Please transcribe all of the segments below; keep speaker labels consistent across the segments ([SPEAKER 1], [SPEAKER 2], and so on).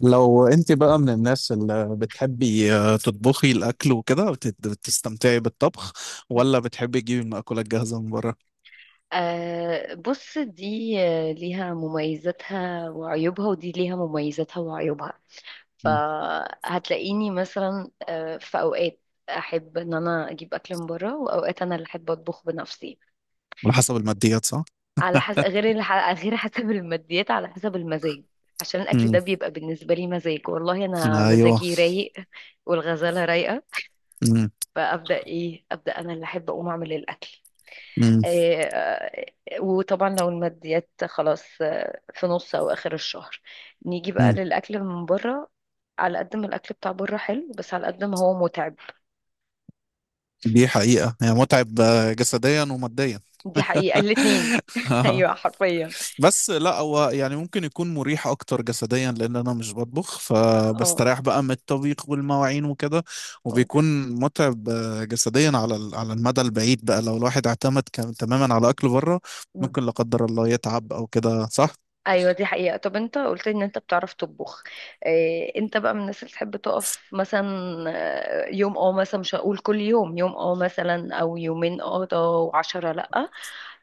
[SPEAKER 1] لو انت بقى من الناس اللي بتحبي تطبخي الاكل وكده بتستمتعي بالطبخ، ولا بتحبي تجيبي المأكولات جاهزة من بره؟
[SPEAKER 2] بص، دي ليها مميزاتها وعيوبها، ودي ليها مميزاتها وعيوبها.
[SPEAKER 1] مم.
[SPEAKER 2] فهتلاقيني مثلا في اوقات احب ان انا اجيب اكل من بره، واوقات انا اللي احب اطبخ بنفسي.
[SPEAKER 1] على حسب الماديات، صح؟
[SPEAKER 2] على حسب غير اللي غير حسب الماديات، على حسب المزاج. عشان الاكل ده
[SPEAKER 1] مم.
[SPEAKER 2] بيبقى بالنسبه لي مزاج. والله انا
[SPEAKER 1] ايوه.
[SPEAKER 2] مزاجي رايق، والغزاله رايقه،
[SPEAKER 1] مم.
[SPEAKER 2] فابدا ايه ابدا انا اللي احب اقوم اعمل الاكل.
[SPEAKER 1] مم.
[SPEAKER 2] وطبعا لو الماديات خلاص، في نص او اخر الشهر، نيجي بقى
[SPEAKER 1] مم.
[SPEAKER 2] للاكل من بره. على قد ما الاكل بتاع بره حلو، بس على قد ما هو متعب.
[SPEAKER 1] دي حقيقة هي متعب جسديا وماديا.
[SPEAKER 2] دي حقيقة، الاتنين ايوه، حرفيا.
[SPEAKER 1] بس لا هو يعني ممكن يكون مريح اكتر جسديا لان انا مش بطبخ،
[SPEAKER 2] اه.
[SPEAKER 1] فبستريح بقى من الطبيخ والمواعين وكده.
[SPEAKER 2] آه.
[SPEAKER 1] وبيكون متعب جسديا على على المدى البعيد بقى، لو الواحد اعتمد تماما على اكل بره
[SPEAKER 2] مم.
[SPEAKER 1] ممكن لا قدر الله يتعب او كده، صح.
[SPEAKER 2] ايوه. دي حقيقة. طب انت قلت ان انت بتعرف تطبخ؟ إيه، انت بقى من الناس اللي تحب تقف مثلا يوم مثلا، مش هقول كل يوم، يوم مثلا او يومين ده، وعشرة لأ.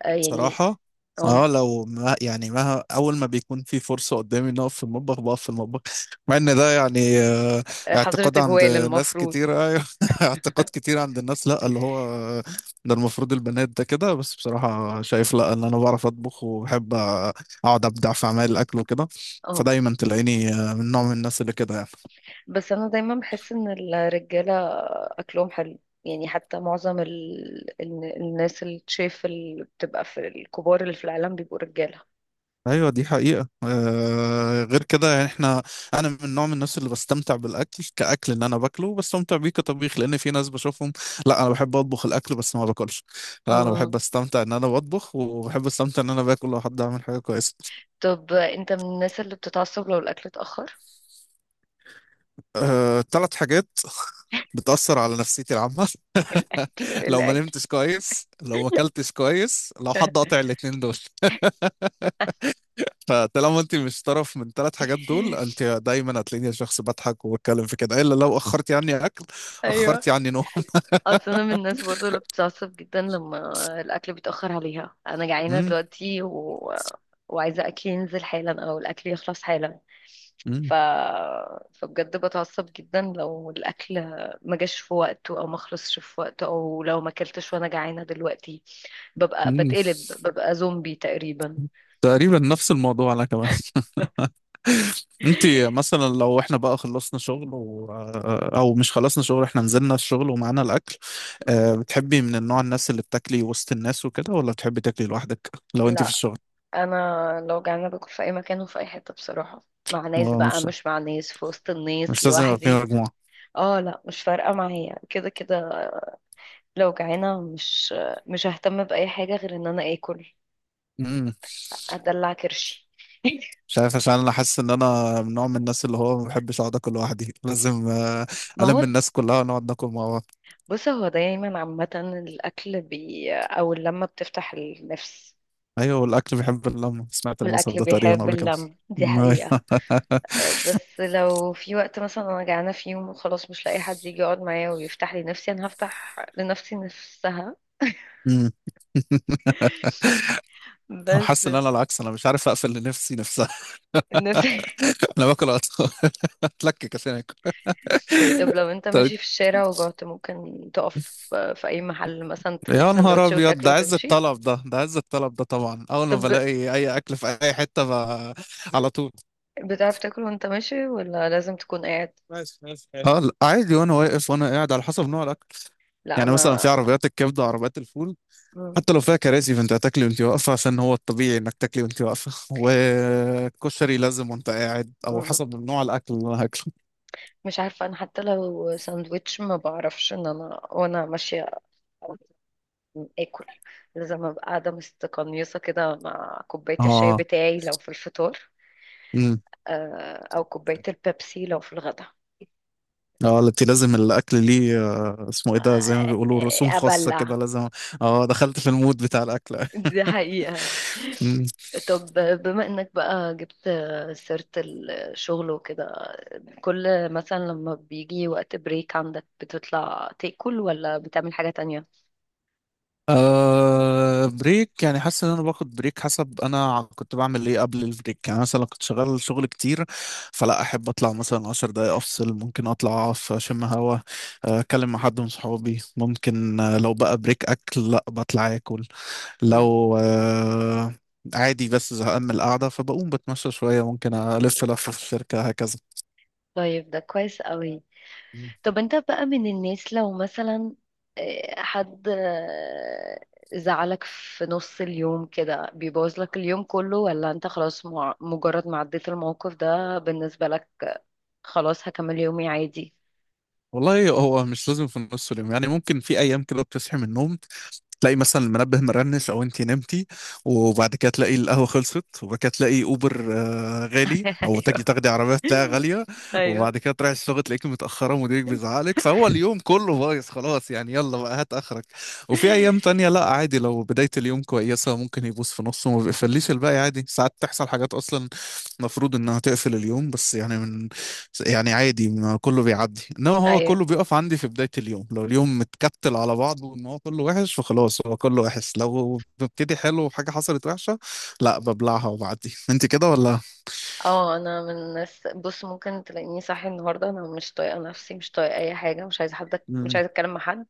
[SPEAKER 2] آه، يعني
[SPEAKER 1] بصراحة
[SPEAKER 2] آه،
[SPEAKER 1] اه، لو ما يعني ما اول ما بيكون في فرصة قدامي ان اقف في المطبخ بقف في المطبخ، مع ان ده يعني
[SPEAKER 2] حظر
[SPEAKER 1] اعتقاد عند
[SPEAKER 2] تجوال
[SPEAKER 1] ناس
[SPEAKER 2] المفروض.
[SPEAKER 1] كتير، ايوه، اعتقاد كتير عند الناس، لا اللي هو ده المفروض البنات ده كده. بس بصراحة شايف لا، ان انا بعرف اطبخ وبحب اقعد ابدع في اعمال الاكل وكده.
[SPEAKER 2] اه،
[SPEAKER 1] فدايما تلاقيني من نوع من الناس اللي كده يعني.
[SPEAKER 2] بس انا دايما بحس ان الرجاله اكلهم حلو، يعني حتى معظم الناس الشيف اللي بتبقى في الكبار اللي في العالم بيبقوا رجاله.
[SPEAKER 1] ايوه دي حقيقة، آه غير كده يعني احنا، انا من نوع من الناس اللي بستمتع بالاكل كاكل، ان انا باكله بستمتع بيه كطبيخ، لان في ناس بشوفهم لا انا بحب اطبخ الاكل بس ما باكلش. لا انا
[SPEAKER 2] اه،
[SPEAKER 1] بحب استمتع ان انا بطبخ، وبحب استمتع ان انا باكل لو حد عمل حاجة كويسة.
[SPEAKER 2] طب انت من الناس اللي بتتعصب لو الاكل اتاخر؟
[SPEAKER 1] آه ثلاث حاجات بتأثر على نفسيتي العامة.
[SPEAKER 2] الاكل،
[SPEAKER 1] لو ما
[SPEAKER 2] الاكل
[SPEAKER 1] نمتش كويس، لو ما اكلتش كويس، لو حد قاطع الاتنين دول، فطالما انت مش طرف من ثلاث حاجات دول انت دايما هتلاقيني شخص بضحك وبتكلم في كده، الا لو اخرتي عني اكل،
[SPEAKER 2] ايوه.
[SPEAKER 1] اخرتي عني نوم.
[SPEAKER 2] اصل انا من الناس برضه اللي بتتعصب جدا لما الاكل بيتاخر عليها. انا جعانه
[SPEAKER 1] مم،
[SPEAKER 2] دلوقتي وعايزه اكلي ينزل حالا، او الاكل يخلص حالا.
[SPEAKER 1] مم،
[SPEAKER 2] ف... فبجد بتعصب جدا لو الاكل ما جاش في وقته، او ما خلصش في وقته، او لو ما اكلتش وانا جعانه دلوقتي. ببقى
[SPEAKER 1] مم.
[SPEAKER 2] بتقلب، ببقى زومبي تقريبا.
[SPEAKER 1] تقريبا نفس الموضوع انا كمان. انت مثلا لو احنا بقى خلصنا شغل و... آه، او مش خلصنا شغل احنا نزلنا الشغل ومعانا الاكل، بتحبي من النوع الناس اللي بتاكلي وسط الناس وكده، ولا بتحبي تاكلي لوحدك لو انت في
[SPEAKER 2] لا،
[SPEAKER 1] الشغل؟
[SPEAKER 2] انا لو جعانه باكل في اي مكان وفي اي حته، بصراحه. مع ناس
[SPEAKER 1] هو
[SPEAKER 2] بقى،
[SPEAKER 1] مش
[SPEAKER 2] مش مع ناس في وسط الناس،
[SPEAKER 1] مش لازم يبقى في
[SPEAKER 2] لوحدي.
[SPEAKER 1] مجموعة.
[SPEAKER 2] اه لا، مش فارقه معايا كده كده. لو جعانه مش ههتم باي حاجه غير ان انا اكل،
[SPEAKER 1] مم.
[SPEAKER 2] ادلع كرشي.
[SPEAKER 1] مش عارف عشان انا حاسس ان انا من نوع من الناس اللي هو ما بحبش اقعد اكل لوحدي، لازم
[SPEAKER 2] ما هو،
[SPEAKER 1] الم الناس كلها ونقعد ناكل مع بعض.
[SPEAKER 2] بص، هو دايما عامة الأكل بي أو اللمة بتفتح النفس.
[SPEAKER 1] ايوه والاكل بيحب اللمه، سمعت المثل
[SPEAKER 2] والأكل
[SPEAKER 1] ده تقريبا
[SPEAKER 2] بيحب
[SPEAKER 1] قبل كده.
[SPEAKER 2] اللمة، دي حقيقة.
[SPEAKER 1] أيوة.
[SPEAKER 2] بس لو في وقت مثلا أنا جعانة في يوم وخلاص مش لاقي حد يجي يقعد معايا ويفتح لي نفسي، أنا هفتح لنفسي نفسها.
[SPEAKER 1] أمم. انا
[SPEAKER 2] بس
[SPEAKER 1] حاسس ان انا العكس، انا مش عارف اقفل لنفسي نفسها.
[SPEAKER 2] نفسي.
[SPEAKER 1] انا باكل اتلكك عشان اكل.
[SPEAKER 2] طب لو أنت
[SPEAKER 1] طيب،
[SPEAKER 2] ماشي في الشارع وجعت، ممكن تقف في أي محل مثلا تجيب
[SPEAKER 1] يا نهار
[SPEAKER 2] سندوتش
[SPEAKER 1] ابيض
[SPEAKER 2] وتاكله
[SPEAKER 1] ده عز
[SPEAKER 2] وتمشي؟
[SPEAKER 1] الطلب، ده عز الطلب ده. طبعا اول ما
[SPEAKER 2] طب
[SPEAKER 1] بلاقي اي اكل في اي حته على طول.
[SPEAKER 2] بتعرف تاكل وأنت ماشي، ولا لازم تكون قاعد؟
[SPEAKER 1] ماشي ماشي اه، لا، عادي وانا واقف وانا قاعد على حسب نوع الاكل.
[SPEAKER 2] لا،
[SPEAKER 1] يعني مثلا في
[SPEAKER 2] أنا
[SPEAKER 1] عربيات الكبده وعربيات الفول حتى لو فيها كراسي فانت هتاكلي وانت واقفه، عشان هو الطبيعي انك تاكلي وانت واقفه. والكشري لازم وانت قاعد، او حسب نوع الاكل اللي انا هاكله.
[SPEAKER 2] مش عارفة. أنا حتى لو ساندويتش، ما بعرفش إن أنا وأنا ماشية آكل. لازم أبقى قاعدة مستقنيصة كده، مع كوباية الشاي
[SPEAKER 1] اه.
[SPEAKER 2] بتاعي لو في الفطار،
[SPEAKER 1] امم.
[SPEAKER 2] أو كوباية البيبسي لو في الغدا،
[SPEAKER 1] اه التي لازم الاكل ليه اسمه ايه ده، زي ما بيقولوا رسوم
[SPEAKER 2] آه،
[SPEAKER 1] خاصه كده
[SPEAKER 2] أبلع.
[SPEAKER 1] لازم. اه دخلت في المود بتاع الاكل.
[SPEAKER 2] دي حقيقة. طب بما إنك بقى جبت سيرة الشغل وكده، كل مثلا لما بيجي وقت بريك عندك، بتطلع تاكل ولا بتعمل حاجة تانية؟
[SPEAKER 1] أه بريك، يعني حاسس ان انا باخد بريك حسب انا كنت بعمل ايه قبل البريك. يعني مثلا كنت شغال شغل كتير فلا احب اطلع مثلا 10 دقايق افصل، ممكن اطلع اقف اشم هوا، اتكلم مع حد من صحابي. ممكن لو بقى بريك اكل لا بطلع اكل.
[SPEAKER 2] مم.
[SPEAKER 1] لو أه عادي بس زهقان من القعده فبقوم بتمشى شويه، ممكن الف لفه في الشركه هكذا.
[SPEAKER 2] طيب، ده كويس قوي. طب انت بقى من الناس لو مثلا حد زعلك في نص اليوم كده بيبوظ لك اليوم كله، ولا انت خلاص مجرد ما عديت الموقف ده بالنسبة لك خلاص هكمل يومي عادي؟
[SPEAKER 1] والله هو مش لازم في نص اليوم، يعني ممكن في ايام كده بتصحي من النوم تلاقي مثلا المنبه مرنش او انتي نمتي، وبعد كده تلاقي القهوه خلصت، وبعد كده تلاقي اوبر غالي، او تجي
[SPEAKER 2] ايوه،
[SPEAKER 1] تاخدي عربيه تلاقيها غاليه،
[SPEAKER 2] ايوه،
[SPEAKER 1] وبعد كده تروحي الشغل تلاقيكي متاخره ومديرك بيزعلك، فهو اليوم كله بايظ خلاص يعني، يلا بقى هات اخرك. وفي ايام تانية لا عادي، لو بدايه اليوم كويسه ممكن يبوظ في نصه وما بيقفليش الباقي. عادي ساعات تحصل حاجات اصلا المفروض انها تقفل اليوم بس يعني من، يعني عادي ما كله بيعدي، انما هو
[SPEAKER 2] ايوه.
[SPEAKER 1] كله بيقف عندي في بداية اليوم، لو اليوم متكتل على بعضه ان هو كله وحش فخلاص هو كله وحش. لو ببتدي حلو وحاجة حصلت وحشة لا ببلعها وبعدي. انت كده ولا؟
[SPEAKER 2] اه، انا من الناس، بص، ممكن تلاقيني صاحي النهارده انا مش طايقه نفسي، مش طايقه اي حاجه، مش عايزه حد، مش
[SPEAKER 1] مم.
[SPEAKER 2] عايزه اتكلم مع حد.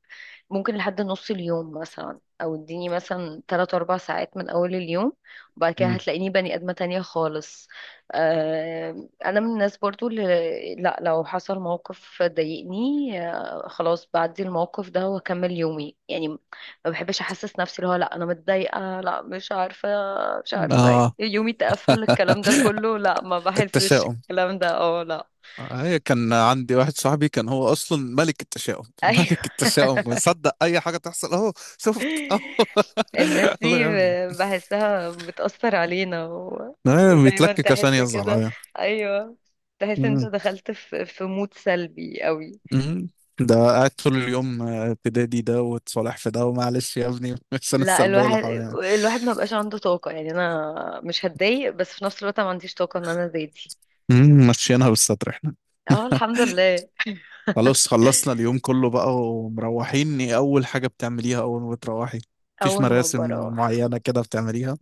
[SPEAKER 2] ممكن لحد نص اليوم مثلا، او اديني مثلا 3 4 ساعات من اول اليوم، وبعد كده
[SPEAKER 1] مم.
[SPEAKER 2] هتلاقيني بني ادمة تانية خالص. انا من الناس برضو اللي، لا، لو حصل موقف ضايقني، خلاص بعدي الموقف ده واكمل يومي يعني. ما بحبش احسس نفسي اللي هو لا انا متضايقة، لا مش عارفة، مش عارفة
[SPEAKER 1] اه
[SPEAKER 2] يومي اتقفل، الكلام ده كله لا، ما بحسش
[SPEAKER 1] التشاؤم،
[SPEAKER 2] الكلام ده. اه، لا.
[SPEAKER 1] هي كان عندي واحد صاحبي كان هو اصلا ملك التشاؤم،
[SPEAKER 2] ايوه.
[SPEAKER 1] ملك التشاؤم ويصدق اي حاجة تحصل اهو شفت اهو.
[SPEAKER 2] الناس
[SPEAKER 1] الله
[SPEAKER 2] دي
[SPEAKER 1] يا ابني،
[SPEAKER 2] بحسها بتأثر علينا ودايما
[SPEAKER 1] بيتلكك عشان
[SPEAKER 2] تحس كده.
[SPEAKER 1] يزعل.
[SPEAKER 2] ايوه، تحس انت
[SPEAKER 1] ايوه.
[SPEAKER 2] دخلت في مود سلبي قوي.
[SPEAKER 1] مم. ده قاعد طول اليوم تدادي ده وتصالح في ده ومعلش يا ابني، مش انا
[SPEAKER 2] لا،
[SPEAKER 1] السلبيه اللي
[SPEAKER 2] الواحد
[SPEAKER 1] حوالينا يعني.
[SPEAKER 2] الواحد ما بقاش عنده طاقة يعني. انا مش هتضايق بس في نفس الوقت أنا ما عنديش طاقة ان انا زي دي.
[SPEAKER 1] مم، ماشيينها بالستر احنا.
[SPEAKER 2] اه، الحمد لله.
[SPEAKER 1] خلاص خلصنا اليوم كله بقى ومروحين، ايه اول حاجه بتعمليها اول ما بتروحي؟ مفيش
[SPEAKER 2] اول ما
[SPEAKER 1] مراسم
[SPEAKER 2] بروح،
[SPEAKER 1] معينه كده بتعمليها؟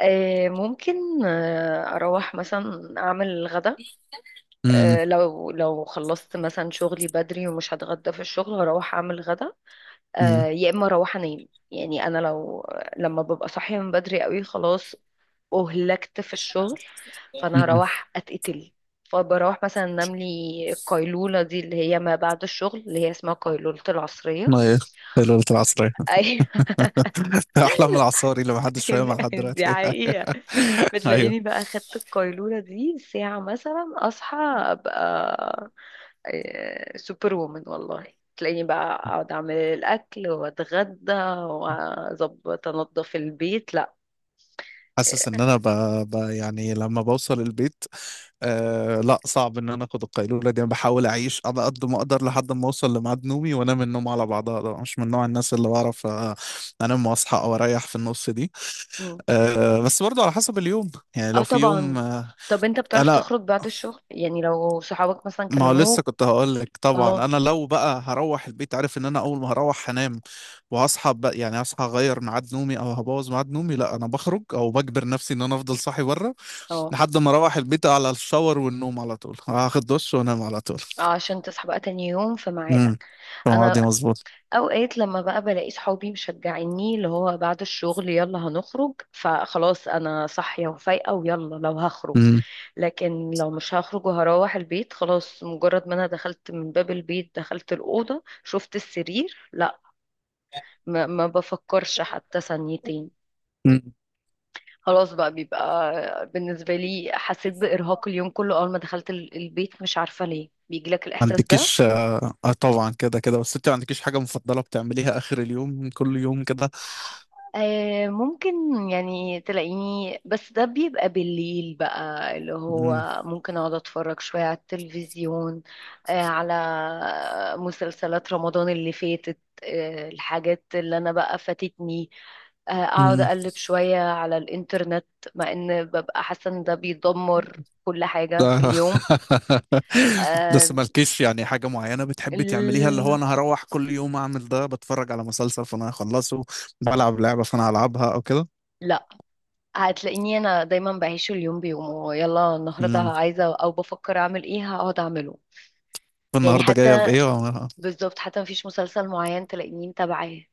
[SPEAKER 2] ممكن اروح مثلا اعمل الغدا.
[SPEAKER 1] امم.
[SPEAKER 2] لو خلصت مثلا شغلي بدري ومش هتغدى في الشغل، هروح اعمل غدا.
[SPEAKER 1] امم.
[SPEAKER 2] يا اما اروح انام. يعني انا لما ببقى صاحيه من بدري قوي، خلاص اهلكت في الشغل، فانا
[SPEAKER 1] امم.
[SPEAKER 2] هروح اتقتل. فبروح مثلا انام لي القيلوله دي اللي هي ما بعد الشغل، اللي هي اسمها قيلوله العصريه.
[SPEAKER 1] ما ايه، هي ليله العصريه.
[SPEAKER 2] ايوه.
[SPEAKER 1] احلام العصاري اللي محدش فاهمها لحد
[SPEAKER 2] دي
[SPEAKER 1] دلوقتي.
[SPEAKER 2] حقيقه.
[SPEAKER 1] ايوه
[SPEAKER 2] بتلاقيني بقى خدت القيلوله دي ساعه مثلا، اصحى ابقى سوبر وومن والله. تلاقيني بقى اقعد اعمل الاكل واتغدى واظبط انضف البيت.
[SPEAKER 1] حاسس ان انا يعني لما بوصل البيت أه لا، صعب ان انا اخد القيلوله دي. انا بحاول اعيش على قد ما اقدر لحد ما اوصل لميعاد نومي وانام النوم على بعضها، ده مش من نوع الناس اللي بعرف انام واصحى او اريح في النص دي.
[SPEAKER 2] مم.
[SPEAKER 1] أه بس برضه على حسب اليوم، يعني
[SPEAKER 2] اه،
[SPEAKER 1] لو في يوم
[SPEAKER 2] طبعا.
[SPEAKER 1] أه
[SPEAKER 2] طب انت بتعرف
[SPEAKER 1] لا،
[SPEAKER 2] تخرج بعد الشغل، يعني لو صحابك مثلا
[SPEAKER 1] ما هو لسه
[SPEAKER 2] كلموك؟
[SPEAKER 1] كنت هقول لك. طبعا
[SPEAKER 2] اه،
[SPEAKER 1] انا لو بقى هروح البيت عارف ان انا اول ما هروح هنام، وهصحى بقى يعني هصحى اغير ميعاد نومي او هبوظ ميعاد نومي، لا انا بخرج او بجبر نفسي ان انا افضل صاحي بره
[SPEAKER 2] اه،
[SPEAKER 1] لحد ما اروح البيت على الشاور والنوم على طول، هاخد دش وانام على طول.
[SPEAKER 2] اه. عشان تصحى بقى تاني يوم في
[SPEAKER 1] امم.
[SPEAKER 2] ميعادك.
[SPEAKER 1] فاهم، عادي،
[SPEAKER 2] انا
[SPEAKER 1] مظبوط.
[SPEAKER 2] اوقات لما بقى بلاقي صحابي مشجعيني اللي هو بعد الشغل يلا هنخرج، فخلاص انا صاحية وفايقة ويلا لو هخرج.
[SPEAKER 1] امم.
[SPEAKER 2] لكن لو مش هخرج وهروح البيت، خلاص مجرد ما انا دخلت من باب البيت، دخلت الأوضة، شفت السرير، لا، ما بفكرش حتى ثانيتين.
[SPEAKER 1] امم.
[SPEAKER 2] خلاص بقى بيبقى بالنسبة لي حسيت بإرهاق اليوم كله أول ما دخلت البيت. مش عارفة ليه بيجيلك
[SPEAKER 1] ما
[SPEAKER 2] الإحساس ده.
[SPEAKER 1] عندكيش؟ اه طبعا كده كده، بس انت ما عندكيش حاجة مفضلة بتعمليها آخر اليوم كل يوم كده؟
[SPEAKER 2] آه، ممكن. يعني تلاقيني، بس ده بيبقى بالليل بقى اللي
[SPEAKER 1] امم.
[SPEAKER 2] هو ممكن أقعد أتفرج شوية على التلفزيون على مسلسلات رمضان اللي فاتت، الحاجات اللي أنا بقى فاتتني، أقعد
[SPEAKER 1] امم.
[SPEAKER 2] أقلب شوية على الإنترنت. مع إن ببقى حاسة إن ده بيدمر كل حاجة في
[SPEAKER 1] لا.
[SPEAKER 2] اليوم.
[SPEAKER 1] بس
[SPEAKER 2] أه...
[SPEAKER 1] مالكيش يعني حاجة معينة بتحبي تعمليها، اللي هو
[SPEAKER 2] ال-
[SPEAKER 1] انا هروح كل يوم اعمل ده، بتفرج على مسلسل فانا هخلصه، بلعب لعبة فانا هلعبها او كده؟
[SPEAKER 2] لا، هتلاقيني انا دايما بعيش اليوم بيومه، يلا النهارده
[SPEAKER 1] امم.
[SPEAKER 2] عايزه او بفكر اعمل ايه هقعد اعمله. يعني
[SPEAKER 1] النهارده جاية
[SPEAKER 2] حتى،
[SPEAKER 1] بإيه؟
[SPEAKER 2] بالظبط، حتى مفيش مسلسل معين تلاقيني متابعاه.